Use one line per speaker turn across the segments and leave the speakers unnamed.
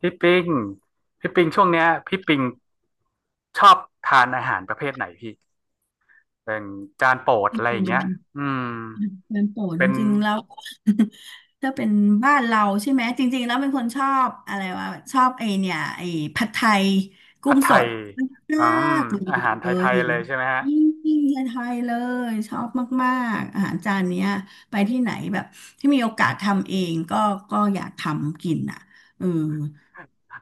พี่ปิงพี่ปิงช่วงเนี้ยพี่ปิงชอบทานอาหารประเภทไหนพี่เป็นจานโปรด
อื
อะไรอย่างเงี้ย
ม
อืม
เป็นโปรดจ
เป็น
ริงๆแล้ว ถ้าเป็นบ้านเราใช่ไหมจริงๆแล้วเป็นคนชอบอะไรวะชอบไอเนี่ยไอผัดไทยกุ้
ผัด
ง
ไท
ส
ย
ด
อื
มา
ม
กเล
อาหารไทย
ย
ๆเลยใช่ไหมฮะ
อืมผัดไทยเลยชอบมากๆอาหารจานเนี้ยไปที่ไหนแบบที่มีโอกาสทำเองก็อยากทำกินอ่ะเออ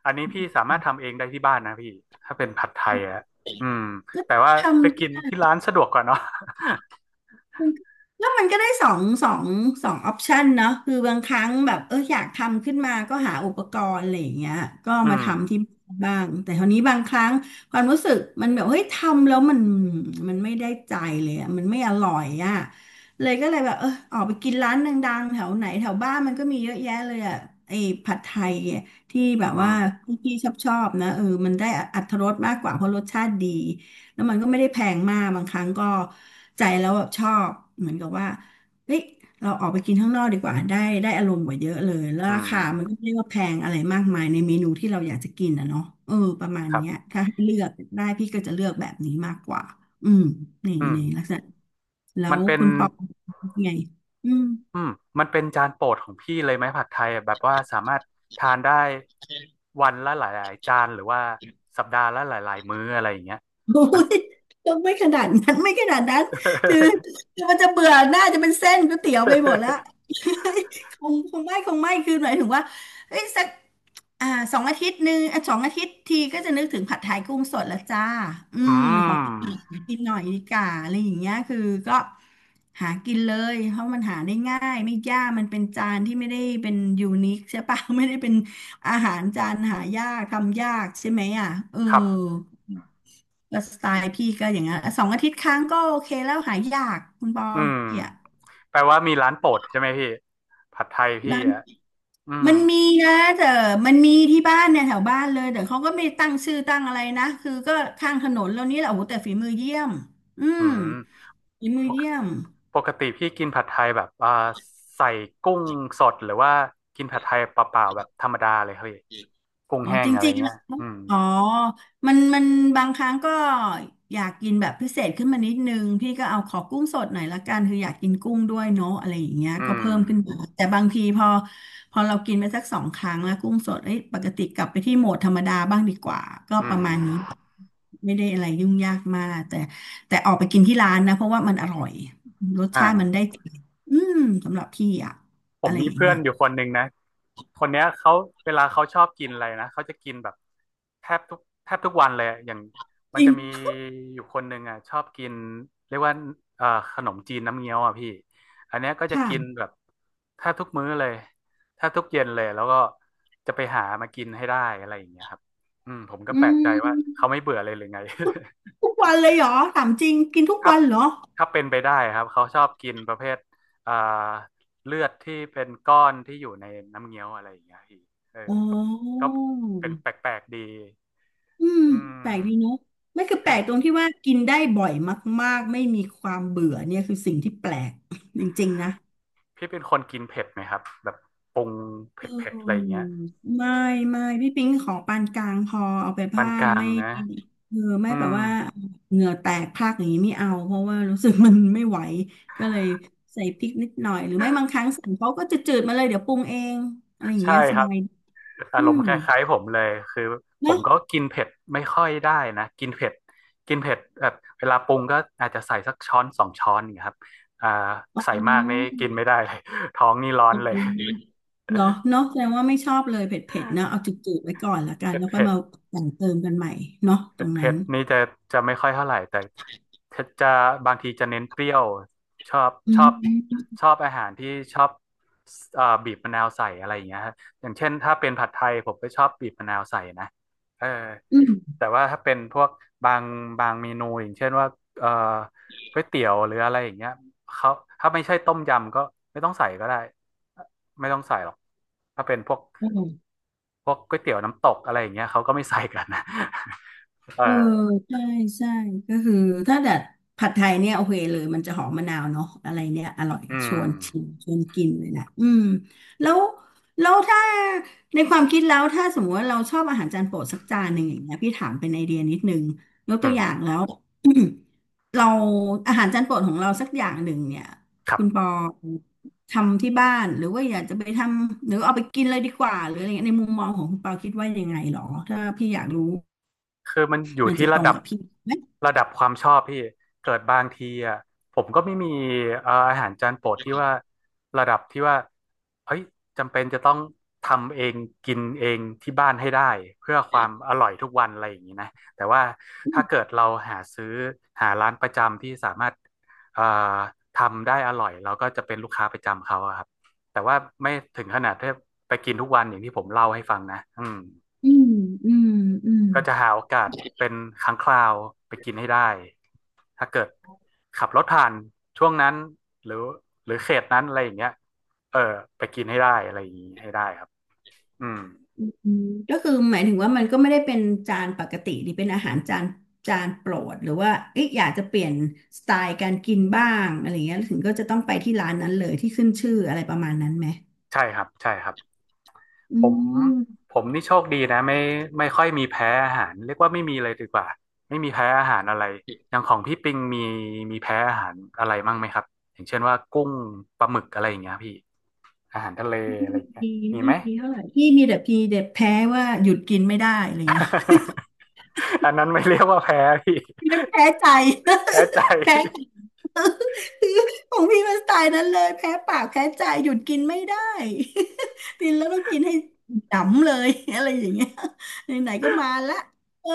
อันนี้พี่สามารถทำเองได้ที่บ้านนะพี่ถ้าเป็นผัดไทยอะอืม
ก็
แต่ว่า
ท
ไปกินที่
ำ
ร้านสะดวกกว่าเนาะ
มันก็แล้วมันก็ได้สองสองออปชันเนาะคือบางครั้งแบบเอออยากทำขึ้นมาก็หาอุปกรณ์อะไรอย่างเงี้ยก็
อื
มา
ม
ทำที่บ้างแต่คราวนี้บางครั้งความรู้สึกมันแบบเฮ้ยทำแล้วมันไม่ได้ใจเลยอะมันไม่อร่อยอ่ะเลยก็เลยแบบเออออกไปกินร้านดังๆแถวไหนแถวบ้านมันก็มีเยอะแยะเลยอ่ะไอ้ผัดไทยอะที่แบ
อื
บว่า
ม
พี่ชอบนะเออมันได้อรรถรสมากกว่าเพราะรสชาติดี แล้วมันก็ไม่ได้แพงมากบางครั้งก็ใจแล้วแบบชอบเหมือนกับว่าเฮ้ยเราออกไปกินข้างนอกดีกว่าได้อารมณ์กว่าเยอะเลยแล้ว
อื
รา
ม
คามันก็ไม่ได้ว่าแพงอะไรมากมายในเมนูที่เราอยากจะกินนะเนาะเออประมาณ
ครั
เนี้ย
บ
ถ้าให้เลือกได้พี่ก็จะเลือกแบบนี้มากกว่า อืมนี่
อื
ลัก
ม
ษณะแล้
มั
ว
นเป็น
คุณปอไงอืม
อืมมันเป็นจานโปรดของพี่เลยไหมผัดไทยอะแบบว่าสามารถทานได้วันละหลายๆจานหรือว่าสัปดาห์ละหลายๆมื้ออะไรอย่างเงี้ย
โอ้
มัน
ยก็ไม่ขนาดนั้นคือมันจะเบื่อหน้าจะเป็นเส้นก๋วยเตี๋ยวไปหมดละ คงไม่คือหมายถึงว่าเอ้ยสักอ่าสองอาทิตย์หนึ่งอ่ะสองอาทิตย์ทีก็จะนึกถึงผัดไทยกุ้งสดละจ้าอื
อื
มขอกินหน่อย
ม
ดีกว่าอะไรอย่างเงี้ยคือก็หากินเลยเพราะมันหาได้ง่ายไม่ยากมันเป็นจานที่ไม่ได้เป็นยูนิคใช่ปะ ไม่ได้เป็นอาหารจานหายากทำยากใช่ไหมอ่ะเออ
ครับ
ก็สไตล์พี่ก็อย่างนั้นสองอาทิตย์ครั้งก็โอเคแล้วหายยากคุณปอ
อืม
พี่อะ
แปลว่ามีร้านโปรดใช่ไหมพี่ผัดไทยพี่
ร้าน
อ่ะอืม
มันมีนะแต่มันมีที่บ้านเนี่ยแถวบ้านเลยแต่เขาก็ไม่ตั้งชื่อตั้งอะไรนะคือก็ข้างถนนแล้วนี่แหละโอ้โหแต่ฝีมือเยี่ยมอื
อื
ม
ม
ฝีมือ
ปก
เยี่ยม
ปกติพี่กินผัดไทยแบบใส่กุ้งสดหรือว่ากินผัดไทยเปล่าๆแบบธรรมดาเลยครับพี่กุ้ง
อ๋อ
แห้ง
จ
อะไร
ริงๆแล้
เงี้
ว
ยอืม
อ๋อมันบางครั้งก็อยากกินแบบพิเศษขึ้นมานิดนึงพี่ก็เอาขอกุ้งสดหน่อยละกันคืออยากกินกุ้งด้วยเนาะอะไรอย่างเงี้ย
อื
ก็
ม
เพิ่มขึ้นมาแต่บางทีพอเรากินไปสักสองครั้งแล้วกุ้งสดเอ้ยปกติกลับไปที่โหมดธรรมดาบ้างดีกว่าก็
อื
ประมาณนี้
ม
ไม่ได้อะไรยุ่งยากมากแต่ออกไปกินที่ร้านนะเพราะว่ามันอร่อยรสชาติมันได้
อ่า
ใจอืมสำหรับพี่อะ
ผ
อะ
ม
ไร
มี
อย่าง
เพื่อ
เงี้
น
ย
อยู่คนหนึ่งนะคนเนี้ยเขาเวลาเขาชอบกินอะไรนะเขาจะกินแบบแทบทุกวันเลยอะอย่างมั
จ
น
ริ
จะ
ง
มีอยู่คนหนึ่งอ่ะชอบกินเรียกว่าเอ่อขนมจีนน้ำเงี้ยวอ่ะพี่อันเนี้ยก็จะ
ค่ะ
กินแบบแทบทุกมื้อเลยแทบทุกเย็นเลยแล้วก็จะไปหามากินให้ได้อะไรอย่างเงี้ยครับอืมผมก็
อื
แปลกใจว่า
ม
เขาไม่เบื่อเลยหรือไง
ทุกวันเลยเหรอถามจริงกินทุก
ถ้า
วันเหรอ
ถ้าเป็นไปได้ครับเขาชอบกินประเภทอ่าเลือดที่เป็นก้อนที่อยู่ในน้ำเงี้ยวอะไรอย่างเงี้ยพี่เออ
อ๋
ก็
อ
ก็เป็นแปลกๆดี
อืม
อื
แปลก
ม
ดีเนอะไม่คือแปลกตรงที่ ว่ากินได้บ่อยมากๆไม่มีความเบื่อเนี่ยคือสิ่งที่แปลก จริงๆนะ
พี่เป็นคนกินเผ็ดไหมครับแบบปรุงเ
เ
ผ็ดๆอะไรอย่าง
ออ
เงี้ย
ไม่พี่ปิ๊งของปานกลางพอเอาไป
ปาน
ผ้า
กลาง
ไม่
นะ
เออไม่
อื
แบบ
ม
ว่าเหงื่อแตกพรากอย่างนี้ไม่เอาเพราะว่ารู้สึกมันไม่ไหวก็เลยใส่พริกนิดหน่อยหรือไม่บางครั้งสั่งเขาก็จะจืดๆมาเลยเดี๋ยวปรุงเองอะไรอย่าง
ใช่
เงี้ยส
ครั
บา
บ
ย
อา
อื
รม
ม
ณ์คล้ายๆผมเลยคือผ
เน
ม
อะ
ก็กินเผ็ดไม่ค่อยได้นะกินเผ็ดแบบเวลาปรุงก็อาจจะใส่สักช้อนสองช้อนนี่างเงี้ยครับอ่า
อ๋อ
ใส่มากนี่
โ
กินไม่ได้เลย ท้องนี่ร้อ
อ
นเล
เค
ย
เหรอเนาะแสดงว่าไม่ชอบเลยเผ็ดๆนะเอาจืดๆไว้ก่อนละกัน
เผ็ด
แล้วค่อย
เผ็ด
มาแต่งเติมกันใหม่เนาะตร
เผ็ด
งนั้
เผ็
น
ดนี่จะไม่ค่อยเท่าไหร่แต่จะบางทีจะเน้นเปรี้ยวชอบ
อื
ชอบ
ม
ชอบอาหารที่ชอบบีบมะนาวใส่อะไรอย่างเงี้ยฮะอย่างเช่นถ้าเป็นผัดไทยผมก็ชอบบีบมะนาวใส่นะเออ แต่ว่าถ้าเป็นพวกบางบางเมนูอย่างเช่นว่าเอ่อก๋วยเตี๋ยวหรืออะไรอย่างเงี้ยเขาถ้าไม่ใช่ต้มยำก็ไม่ต้องใส่ก็ได้ไม่ต้องใส่หรอกถ้าเป็นพวก
อืม
ก๋วยเตี๋ยวน้ำตกอะไรอย่างเงี้ยเขาก็ไม่ใส่กันนะ เออ
เออใช่ใช่ก็คือถ้าดัดผัดไทยเนี่ยโอเคเลยมันจะหอมมะนาวเนาะอะไรเนี่ยอร่อย
อื
ช
ม
วนชิมชวนกินเลยนะอืมแล้วถ้าในความคิดแล้วถ้าสมมติว่าเราชอบอาหารจานโปรดสักจานหนึ่งอย่างเงี้ยพี่ถามเป็นไอเดียนิดนึงยกตั
อื
ว
ม
อย่างแล้ว เราอาหารจานโปรดของเราสักอย่างหนึ่งเนี่ย
ครั
คุณปอ
บ
ทำที่บ้านหรือว่าอยากจะไปทำหรือเอาไปกินเลยดีกว่าหรืออะไรเงี้ยในมุมมองของคุณปอคิดว่ายังไงหรอถ้าพี่อยากรู้
คือมันอยู่
มัน
ที่
จะต
ระ
รง
ดับ
กับพี่ไหม
ระดับความชอบพี่เกิดบางทีอ่ะผมก็ไม่มีอาหารจานโปรดที่ว่าระดับที่ว่าเฮ้ยจำเป็นจะต้องทำเองกินเองที่บ้านให้ได้เพื่อความอร่อยทุกวันอะไรอย่างนี้นะแต่ว่าถ้าเกิดเราหาซื้อหาร้านประจำที่สามารถเอ่อทำได้อร่อยเราก็จะเป็นลูกค้าประจำเขาอะครับแต่ว่าไม่ถึงขนาดที่ไปกินทุกวันอย่างที่ผมเล่าให้ฟังนะอืม
อืมอืมอืม
ก็จะหาโอกาสเป็นครั้งคราวไปกินให้ได้ถ้าเกิดขับรถผ่านช่วงนั้นหรือหรือเขตนั้นอะไรอย่างเงี้ยเออไปกินให้ได้อะไรอย่างงี้ให้ได้ครับอืม
อืมก็คือหมายถึงว่ามันก็ไม่ได้เป็นจานปกติหรือเป็นอาหารจานโปรดหรือว่าเอ๊ะอยากจะเปลี่ยนสไตล์การกินบ้างอะไรเงี้ยถึงก็จะต้องไปที่ร้านนั้นเลยที่ขึ้นชื่ออะไรประมาณนั้นไหม
ใช่ครับใช่ครับ
อื
ผม
ม
ผมนี่โชคดีนะไม่ไม่ค่อยมีแพ้อาหารเรียกว่าไม่มีเลยดีกว่าไม่มีแพ้อาหารอะไรอย่างของพี่ปิงมีมีแพ้อาหารอะไรมั่งไหมครับอย่างเช่นว่ากุ้งปลาหมึกอะไรอย่างเงี้ยพี่อาหารทะเลอะไรอย่างเงี้ย
ดี
มี
ไม่
ไหม
ดีเท่าไหร่พี่มีแต่พีเด็่แพ้ว่าหยุดกินไม่ได้อะไรเงี้ย
อันนั้นไม่เรียกว่าแพ้พี่
แพ้ใจ
แพ้ใจ
แพ้ใจ ของพี่มันสไตล์นั้นเลยแพ้ปากแพ้ใจหยุดกินไม่ได้ กินแล้วต้องกินให้ดำเลย อะไรอย่างเงี้ยไหนๆก็มาละเออ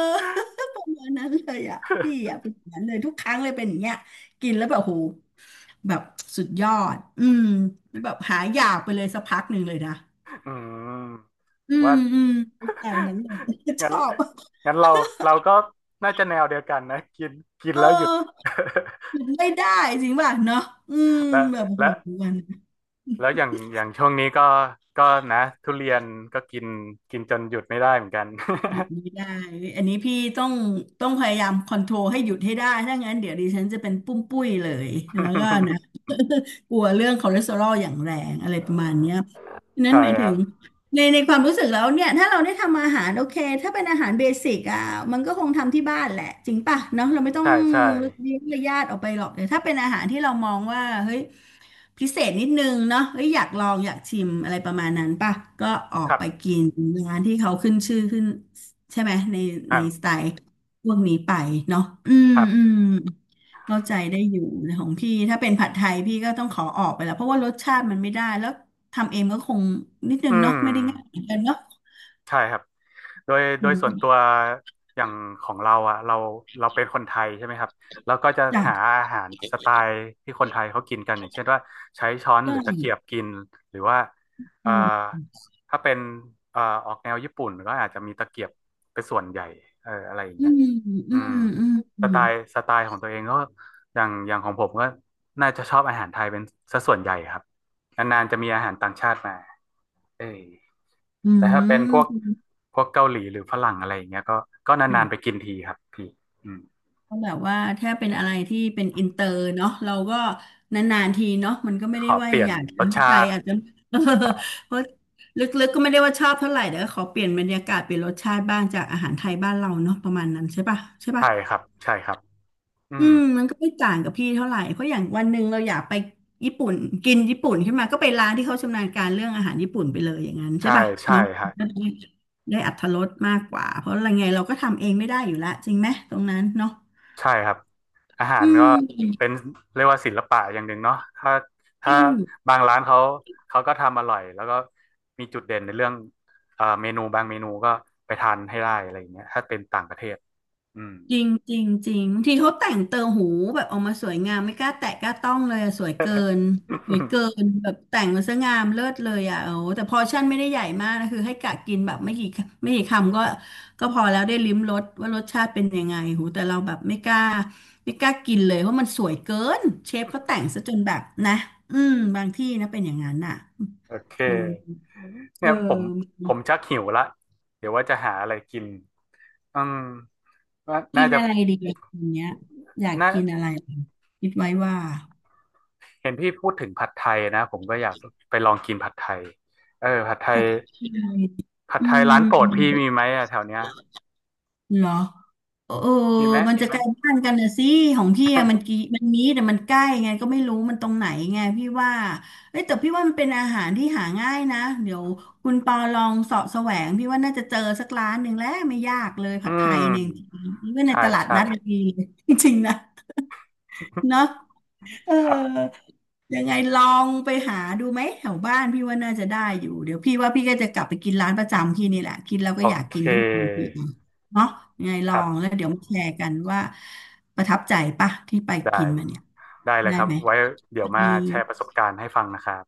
ประมาณนั้นเลยอ่ะพี่อ่ะเป็นอย่างนั้นเลยทุกครั้งเลยเป็นอย่างเงี้ยกินแล้วแบบโหแบบสุดยอดอืมแล้วแบบหายอยากไปเลยสักพักหนึ่งเลยนะ
อืมผ
อื
ม
ม
ว่า
อืมสไตล์นั้นเลย ช
งั้น
อบ
งั้นเราก็น่าจะแนวเดียวกันนะกินกิน
เอ
แล้วหยุด
อหยุดไม่ได้จริงป่ะเนาะอืม
และ
แบบโห
และ
มัน
แล้วอย่างช่วงนี้ก็นะทุเรียนก็กินกินจนหยุดไม่ได้เหมือนกัน
หยุดไม่ได้อันนี้พี่ต้องพยายามคอนโทรลให้หยุดให้ได้ถ้างั้นเดี๋ยวดิฉันจะเป็นปุ้มปุ้ยเลย แล้วก็นะ กลัวเรื่องคอเลสเตอรอลอย่างแรงอะไรประมาณเนี้ยฉะ นั้น
ใช่
หมาย
ค
ถึ
รั
ง
บ
ในความรู้สึกแล้วเนี่ยถ้าเราได้ทำอาหารโอเคถ้าเป็นอาหารเบสิกอ่ะมันก็คงทำที่บ้านแหละจริงป่ะเนาะเราไม่ต้อง
ใช่
เลี้ยงญาติออกไปหรอกแต่ถ้าเป็นอาหารที่เรามองว่าเฮ้ย พิเศษนิดนึงเนาะเอ้ยอยากลองอยากชิมอะไรประมาณนั้นป่ะก็ออก
ครั
ไป
บ
กินร้านที่เขาขึ้นชื่อขึ้นใช่ไหมในส
อ่า
ไตล์พวกนี้ไปเนาะอืม
ครับ
อืมเข้าใจได้อยู่นะของพี่ถ้าเป็นผัดไทยพี่ก็ต้องขอออกไปแล้วเพราะว่ารสชาติมันไม่ได้แล้วทำเองก็คงนิดนึ
อื
งเนาะไม่ได้ง่าย
ม
เหมือนกันเนาะ
ใช่ครับ โดย
อ
โดยส่วนตัว
้
อย่างของเราอ่ะเราเป็นคนไทยใช่ไหมครับเราก็จะหา
จ้ะ
อาหารสไตล์ที่คนไทยเขากินกันอย่าง
ใ
เช่นว่าใช้ช้อนหรือตะ
ช่
เกียบกินหรือว่าเอ่
อื
อ
ม
ถ้าเป็นออกแนวญี่ปุ่นก็อาจจะมีตะเกียบเป็นส่วนใหญ่เอออะไรอย่าง
อื
เงี้ย
ม
อื
อื
ม
มอื
ส
ม
ไตล์สไตล์ของตัวเองก็อย่างของผมก็น่าจะชอบอาหารไทยเป็นซะส่วนใหญ่ครับนานๆจะมีอาหารต่างชาติมาเออ
อื
แต่ถ้าเป็นพวกเกาหลีหรือฝรั่งอะไรอย่างเงี้ยก็นานๆไป
ม
กินทีครับพี่อืม
ก็แบบว่าถ้าเป็นอะไรที่เป็นอินเตอร์เนาะเราก็นานๆทีเนาะมันก็ไม่
ข
ได้
อ
ว่า
เปลี่ยน
อยากจะ
รส
ใจ
ชาติ
อาจจะ เออเพราะลึกๆก็ไม่ได้ว่าชอบเท่าไหร่แต่ก็ขอเปลี่ยนบรรยากาศเปลี่ยนรสชาติบ้างจากอาหารไทยบ้านเราเนาะประมาณนั้นใช่ปะใช่ปะ
ใช่ครับใช่ครับอื
อื
ม
มมันก็ไม่ต่างกับพี่เท่าไหร่เพราะอย่างวันหนึ่งเราอยากไปญี่ปุ่นกินญี่ปุ่นขึ้นมาก็ไปร้านที่เขาชำนาญการเรื่องอาหารญี่ปุ่นไปเลยอย่างนั้นใช่
ใช่
ปะ
ใช่
เนาะ
ฮะ
ก็ได้ได้อรรถรสมากกว่าเพราะอะไรไงเราก็ทำเองไม่ได้อยู่ละจริงไหมตรงนั้นเนาะ
ใช่ครับอาหา
อื
รก็เป็
ม
นเรียกว่าศิลปะอย่างหนึ่งเนาะถ้า
จ
ถ้า
ริง
บางร้านเขาเขาก็ทำอร่อยแล้วก็มีจุดเด่นในเรื่องเมนูบางเมนูก็ไปทานให้ได้อะไรอย่างเงี้ยถ้าเป็นต่างประเทศอืม
จริงจริงจริงบางทีเขาแต่งเติมหูแบบออกมาสวยงามไม่กล้าแตะกล้าต้องเลยอะสวยเกินแบบแต่งมาซะงามเลิศเลยอ่ะโอ้แต่พอร์ชั่นไม่ได้ใหญ่มากนะคือให้กะกินแบบไม่กี่คำก็พอแล้วได้ลิ้มรสว่ารสชาติเป็นยังไงโหูแต่เราแบบไม่กล้ากินเลยเพราะมันสวยเกินเชฟเขาแต่งซะจนแบบนะอืมบางที่นะเป็นอย่างนั้นน่ะ
โอเค
มันเอ
เนี่ยผม
อ
ผมชักหิวละเดี๋ยวว่าจะหาอะไรกิน อืมว่า
กิ
น่า
น
จะ
อะไรดีอย่างเงี้ยอยาก
น่า
กินอะไรคิดไว้ว่า
เห็นพี่พูดถึงผัดไทยนะ ผมก็อยากไปลองกินผัดไทย เออผัดไท
ผั
ย
ดไทย
ผัด
อื
ไทยร้านโปรดพี่
ม
มีไหมอะแถวเนี้ย
เหรอเออ
มีไหม
มัน
มี
จะ
ไหม
ใกล้บ้านกันนะสิ ของพี่อะมันกี่มันนี้แต่มันใกล้ไงก็ไม่รู้มันตรงไหนไงพี่ว่าเอ้ยแต่พี่ว่ามันเป็นอาหารที่หาง่ายนะ เดี๋ยวคุณปอลองเสาะแสวงพี่ว่าน่าจะเจอสักร้านหนึ่งแล้วไม่ยากเลย
อื
ผัดไทยเนี่ยจ
ม
ริงๆนี่ว่าใน
ใช่
ตลาด
ใช่
นัดมันมีจริงๆนะเนาะ เออ
ครับ
ยังไงลองไปหาดูไหมแถวบ้านพี่ว่าน่าจะได้อยู่เดี๋ยวพี่ว่าพี่ก็จะกลับไปกินร้านประจำพี่นี่แหละกินแล้ว
โอ
ก็อยาก
เค
กินขึ้นมาทันทีเนาะยังไงล
ค
อ
รั
ง
บ
แล้วเดี๋ยวมาแชร์กันว่าประทับใจปะที่ไป
ได้
กินมาเนี่ย
ได้เลย
ได้
ครับ
ไหม
ไว้เดี๋ยว
ดี
มาแชร์ประสบการณ์ให้ฟังนะครับ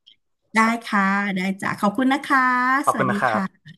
ได้
ครับ
ค่ะได้จ้ะขอบคุณนะคะ
ขอ
ส
บคุ
วั
ณ
สดี
นะครับ
ค่ะ